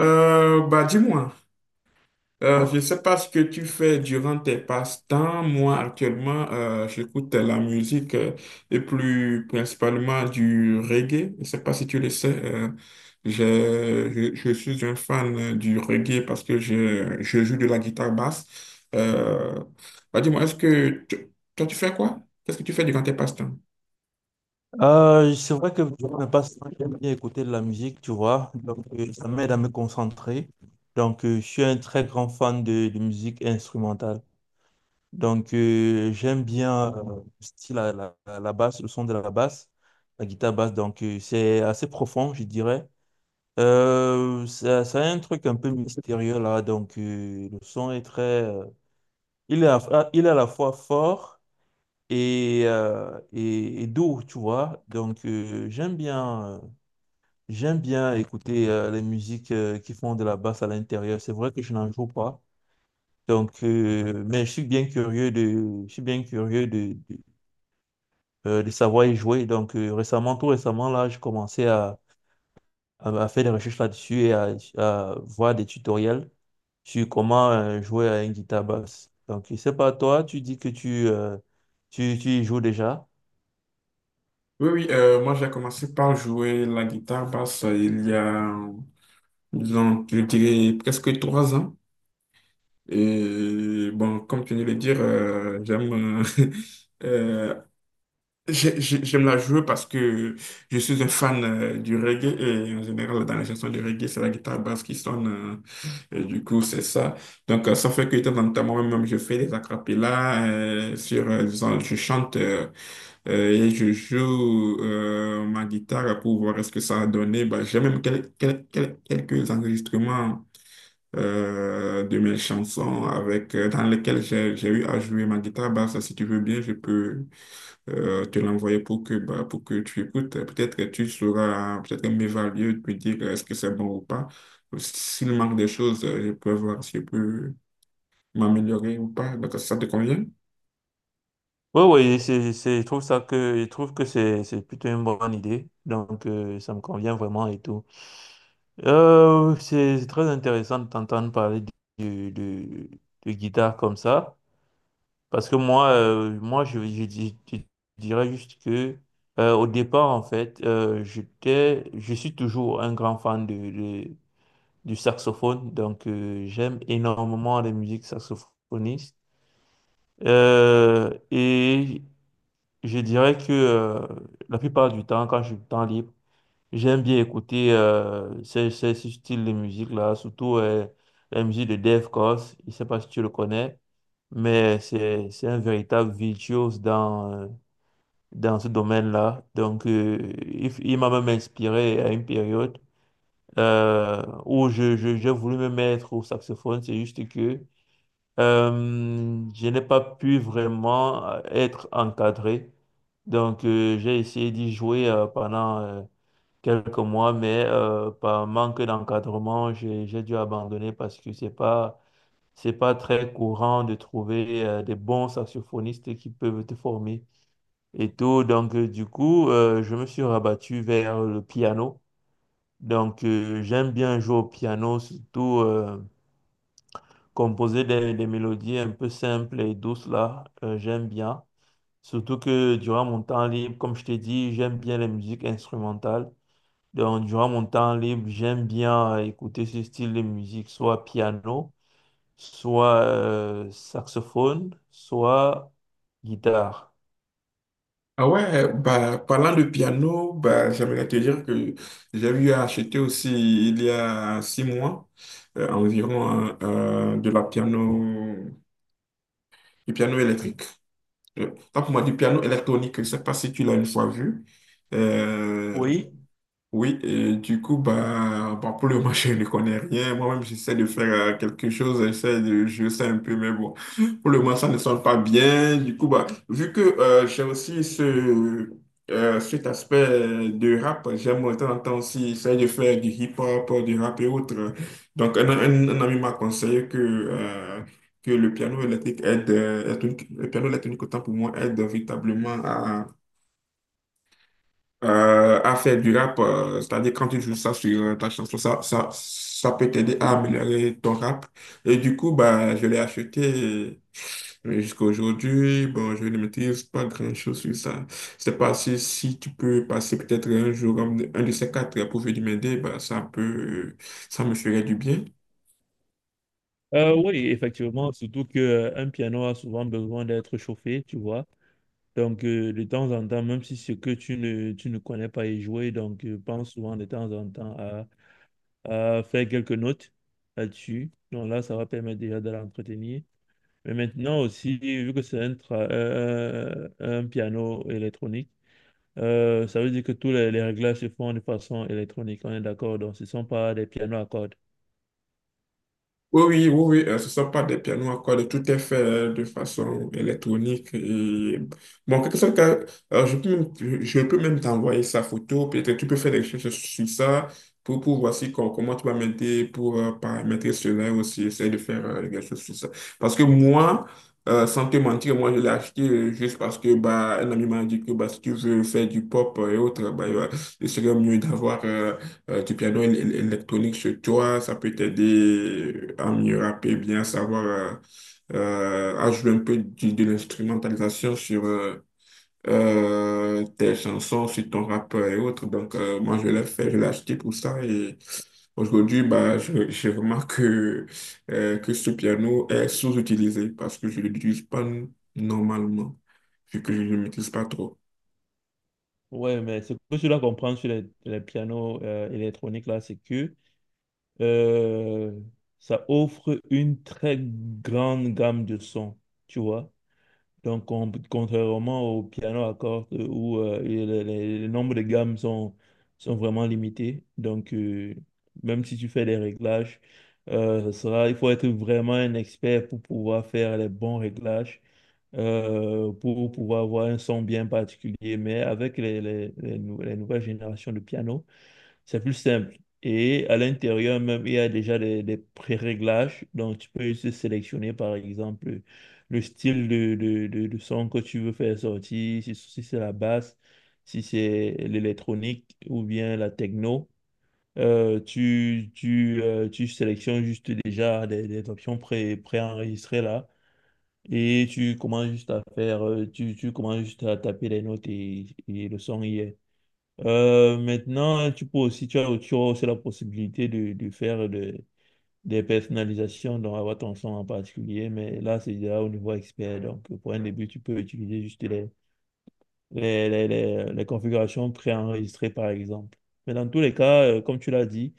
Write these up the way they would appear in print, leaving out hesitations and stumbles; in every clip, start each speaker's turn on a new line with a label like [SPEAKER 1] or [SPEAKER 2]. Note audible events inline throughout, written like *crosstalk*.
[SPEAKER 1] Dis-moi, je ne sais pas ce que tu fais durant tes passe-temps. Moi, actuellement, j'écoute la musique et plus principalement du reggae. Je ne sais pas si tu le sais. Je suis un fan du reggae parce que je joue de la guitare basse. Euh, dis-moi, toi, tu fais quoi? Qu'est-ce que tu fais durant tes passe-temps?
[SPEAKER 2] C'est vrai que je ne passe pas j'aime bien écouter de la musique, tu vois. Donc, ça m'aide à me concentrer. Donc, je suis un très grand fan de musique instrumentale. Donc, j'aime bien le style à la basse, le son de la basse, la guitare basse. Donc, c'est assez profond, je dirais. Ça a un truc un peu mystérieux là. Donc, le son est très, il est à la fois fort et doux, tu vois. Donc, J'aime bien écouter les musiques qui font de la basse à l'intérieur. C'est vrai que je n'en joue pas. Donc, mais je suis bien curieux de savoir y jouer. Donc, récemment, tout récemment, là, j'ai commencé à faire des recherches là-dessus et à voir des tutoriels sur comment jouer à une guitare basse. Donc, je sais pas, toi, tu dis que tu y joues déjà.
[SPEAKER 1] Oui, oui, moi j'ai commencé par jouer la guitare basse il y a, disons, je dirais presque 3 ans. Et bon, comme tu viens de le dire, j'aime *laughs* euh, j'aime la jouer parce que je suis un fan du reggae et en général, dans les chansons de reggae, c'est la guitare basse qui sonne. Et du coup, c'est ça. Donc, ça fait que de temps en temps, moi-même, je fais des acapellas sur, disons, je chante et je joue ma guitare pour voir ce que ça a donné. Bah, j'ai même quelques enregistrements de mes chansons avec, dans lesquelles j'ai eu à jouer ma guitare basse. Si tu veux bien, je peux te l'envoyer pour que, bah, pour que tu écoutes. Peut-être que tu sauras peut-être m'évaluer, me dire est-ce que c'est bon ou pas. S'il manque des choses, je peux voir si je peux m'améliorer ou pas. Donc, ça te convient?
[SPEAKER 2] Oui, oui, je trouve que c'est plutôt une bonne idée. Donc, ça me convient vraiment et tout. C'est c'est très intéressant de t'entendre parler de, de, de guitare comme ça, parce que moi, moi je dirais juste que au départ, en fait, je suis toujours un grand fan du saxophone, donc j'aime énormément les musiques saxophonistes. Et je dirais que la plupart du temps, quand j'ai du temps libre, j'aime bien écouter ce style de musique-là, surtout la musique de Dave Koz. Je ne sais pas si tu le connais, mais c'est un véritable virtuose dans, dans ce domaine-là. Donc, il m'a même inspiré à une période où j'ai voulu me mettre au saxophone. C'est juste que je n'ai pas pu vraiment être encadré. Donc, j'ai essayé d'y jouer pendant quelques mois, mais par manque d'encadrement, j'ai dû abandonner parce que c'est pas très courant de trouver des bons saxophonistes qui peuvent te former et tout. Donc, du coup, je me suis rabattu vers le piano. Donc, j'aime bien jouer au piano, surtout composer des mélodies un peu simples et douces là, j'aime bien. Surtout que durant mon temps libre, comme je t'ai dit, j'aime bien les musiques instrumentales. Donc, durant mon temps libre, j'aime bien écouter ce style de musique, soit piano, soit saxophone, soit guitare.
[SPEAKER 1] Ah ouais, bah, parlant de piano, bah, j'aimerais te dire que j'ai eu à acheter aussi il y a 6 mois environ de la piano du piano électrique. Toi, pour moi, du piano électronique, je ne sais pas si tu l'as une fois vu. Euh,
[SPEAKER 2] Oui.
[SPEAKER 1] oui, et du coup, bah, bah, pour le moment, *laughs* je ne connais rien. Moi-même, j'essaie de faire quelque chose, j'essaie de je sais un peu, mais bon, pour le moment, ça ne sonne pas bien. Du coup, bah, vu que j'ai aussi cet aspect de rap, j'aime de temps en temps aussi essayer de faire du hip-hop, du rap et autres. Donc, un ami m'a conseillé que, le piano électronique, autant pour moi, aide véritablement à faire du rap, c'est-à-dire quand tu joues ça sur ta chanson, ça peut t'aider à améliorer ton rap. Et du coup, bah, je l'ai acheté et jusqu'à aujourd'hui. Bon, je ne maîtrise pas grand-chose sur ça. Je sais pas si, si tu peux passer peut-être un jour, un de ces quatre, pour venir m'aider, ça me ferait du bien.
[SPEAKER 2] Oui, effectivement, surtout que un piano a souvent besoin d'être chauffé, tu vois. Donc, de temps en temps, même si ce que tu ne connais pas y jouer, donc pense souvent de temps en temps à faire quelques notes là-dessus. Donc là, ça va permettre déjà de l'entretenir. Mais maintenant aussi, vu que c'est un piano électronique, ça veut dire que tous les réglages se font de façon électronique, on est d'accord, donc ce ne sont pas des pianos à cordes.
[SPEAKER 1] Oui, ce ne sont pas des pianos à cordes, tout est fait de façon électronique. Et... Bon, en quelque sorte, je peux même t'envoyer sa photo, peut-être tu peux faire des recherches sur ça pour voir si, comment tu vas m'aider pour paramétrer cela aussi, essayer de faire quelque chose sur ça. Parce que moi, sans te mentir, moi je l'ai acheté juste parce que bah, un ami m'a dit que bah, si tu veux faire du pop et autres, il serait mieux d'avoir du piano électronique chez toi, ça peut t'aider à mieux rapper, bien savoir à jouer un peu l'instrumentalisation sur tes chansons, sur ton rap et autres. Donc, moi, je l'ai acheté pour ça. Et aujourd'hui, bah, je remarque que ce piano est sous-utilisé parce que je ne l'utilise pas normalement, vu que je ne le maîtrise pas trop.
[SPEAKER 2] Ouais, mais ce que je dois comprendre sur les pianos électroniques là, c'est que euh, ça offre une très grande gamme de sons, tu vois. Donc, contrairement au piano à cordes où les nombres de gammes sont vraiment limités. Donc, même si tu fais des réglages, il faut être vraiment un expert pour pouvoir faire les bons réglages, pour pouvoir avoir un son bien particulier. Mais avec les nouvelles générations de piano, c'est plus simple. Et à l'intérieur même, il y a déjà des pré-réglages. Donc, tu peux juste sélectionner, par exemple, le style de son que tu veux faire sortir, si c'est la basse, si c'est l'électronique ou bien la techno. Tu sélectionnes juste déjà des options préenregistrées là. Et tu commences juste à faire, tu commences juste à taper les notes et le son y est. Maintenant, tu peux aussi, tu as aussi la possibilité de faire des personnalisations dans Avatar son en particulier, mais là, c'est déjà au niveau expert. Donc, pour un début, tu peux utiliser juste les configurations préenregistrées, par exemple. Mais dans tous les cas, comme tu l'as dit,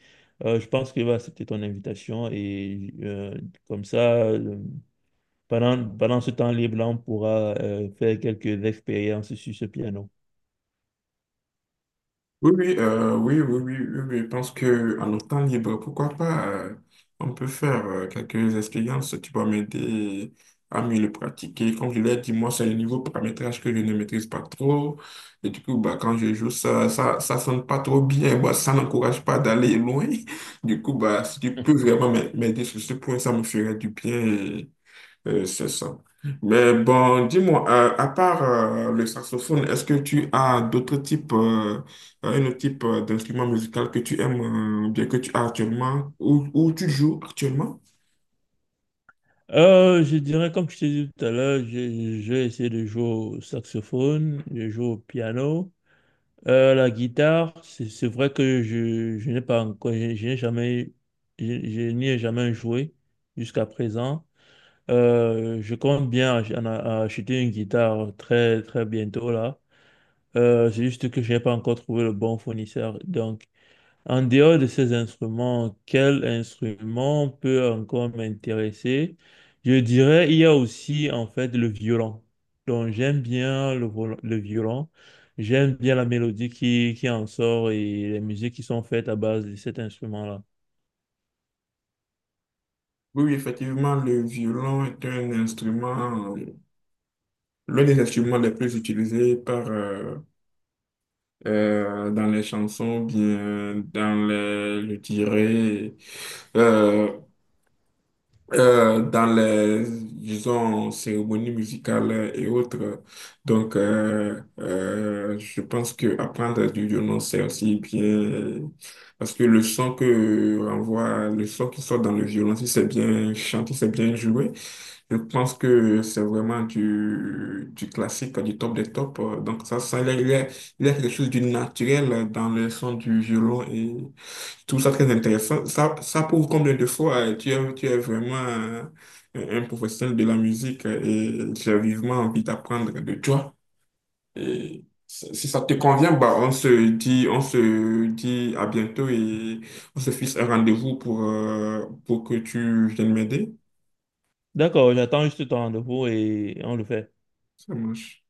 [SPEAKER 2] je pense qu'il va accepter ton invitation et comme ça, euh, pendant ce temps libre-là, on pourra faire quelques expériences sur ce piano.
[SPEAKER 1] Oui, oui, je pense que en notre temps libre, pourquoi pas, on peut faire quelques expériences tu vont m'aider à mieux le pratiquer. Comme je l'ai dit, moi, c'est le niveau paramétrage que je ne maîtrise pas trop. Et du coup, bah, quand je joue, ça sonne pas trop bien. Bah, ça n'encourage pas d'aller loin. *laughs* Du coup, bah, si tu peux vraiment m'aider sur ce point, ça me ferait du bien. C'est ça. Mais bon, dis-moi, à part le saxophone, est-ce que tu as d'autres types, un autre type d'instrument musical que tu aimes bien, que tu as actuellement ou tu joues actuellement?
[SPEAKER 2] Je dirais, comme je t'ai dit tout à l'heure, j'ai essayé de jouer au saxophone, je joue au piano. La guitare, c'est vrai que je n'ai pas encore, je n'ai jamais, je n'y ai jamais joué jusqu'à présent. Je compte bien acheter une guitare très, très bientôt là. C'est juste que je n'ai pas encore trouvé le bon fournisseur. Donc, en dehors de ces instruments, quel instrument peut encore m'intéresser? Je dirais, il y a aussi en fait le violon. Donc j'aime bien le le violon, j'aime bien la mélodie qui en sort et les musiques qui sont faites à base de cet instrument-là.
[SPEAKER 1] Oui, oui, effectivement, le violon est un instrument, l'un des instruments les plus utilisés par, dans les chansons, bien dans les, je dirais, euh, dans les, disons, cérémonies musicales et autres. Donc, je pense que apprendre du violon, c'est aussi bien, parce que le son que renvoie, le son qui sort dans le violon, si c'est bien chanté, c'est bien joué, je pense que c'est vraiment du classique, du top des tops. Donc, il y a quelque chose de naturel dans le son du violon tout ça très intéressant. Ça prouve combien de fois tu es vraiment un professionnel de la musique et j'ai vivement envie d'apprendre de toi. Et si si ça te convient, bah, on se dit à bientôt et on se fixe un rendez-vous pour que tu viennes m'aider.
[SPEAKER 2] D'accord, j'attends juste ton rendez-vous et on le fait.
[SPEAKER 1] Ça marche.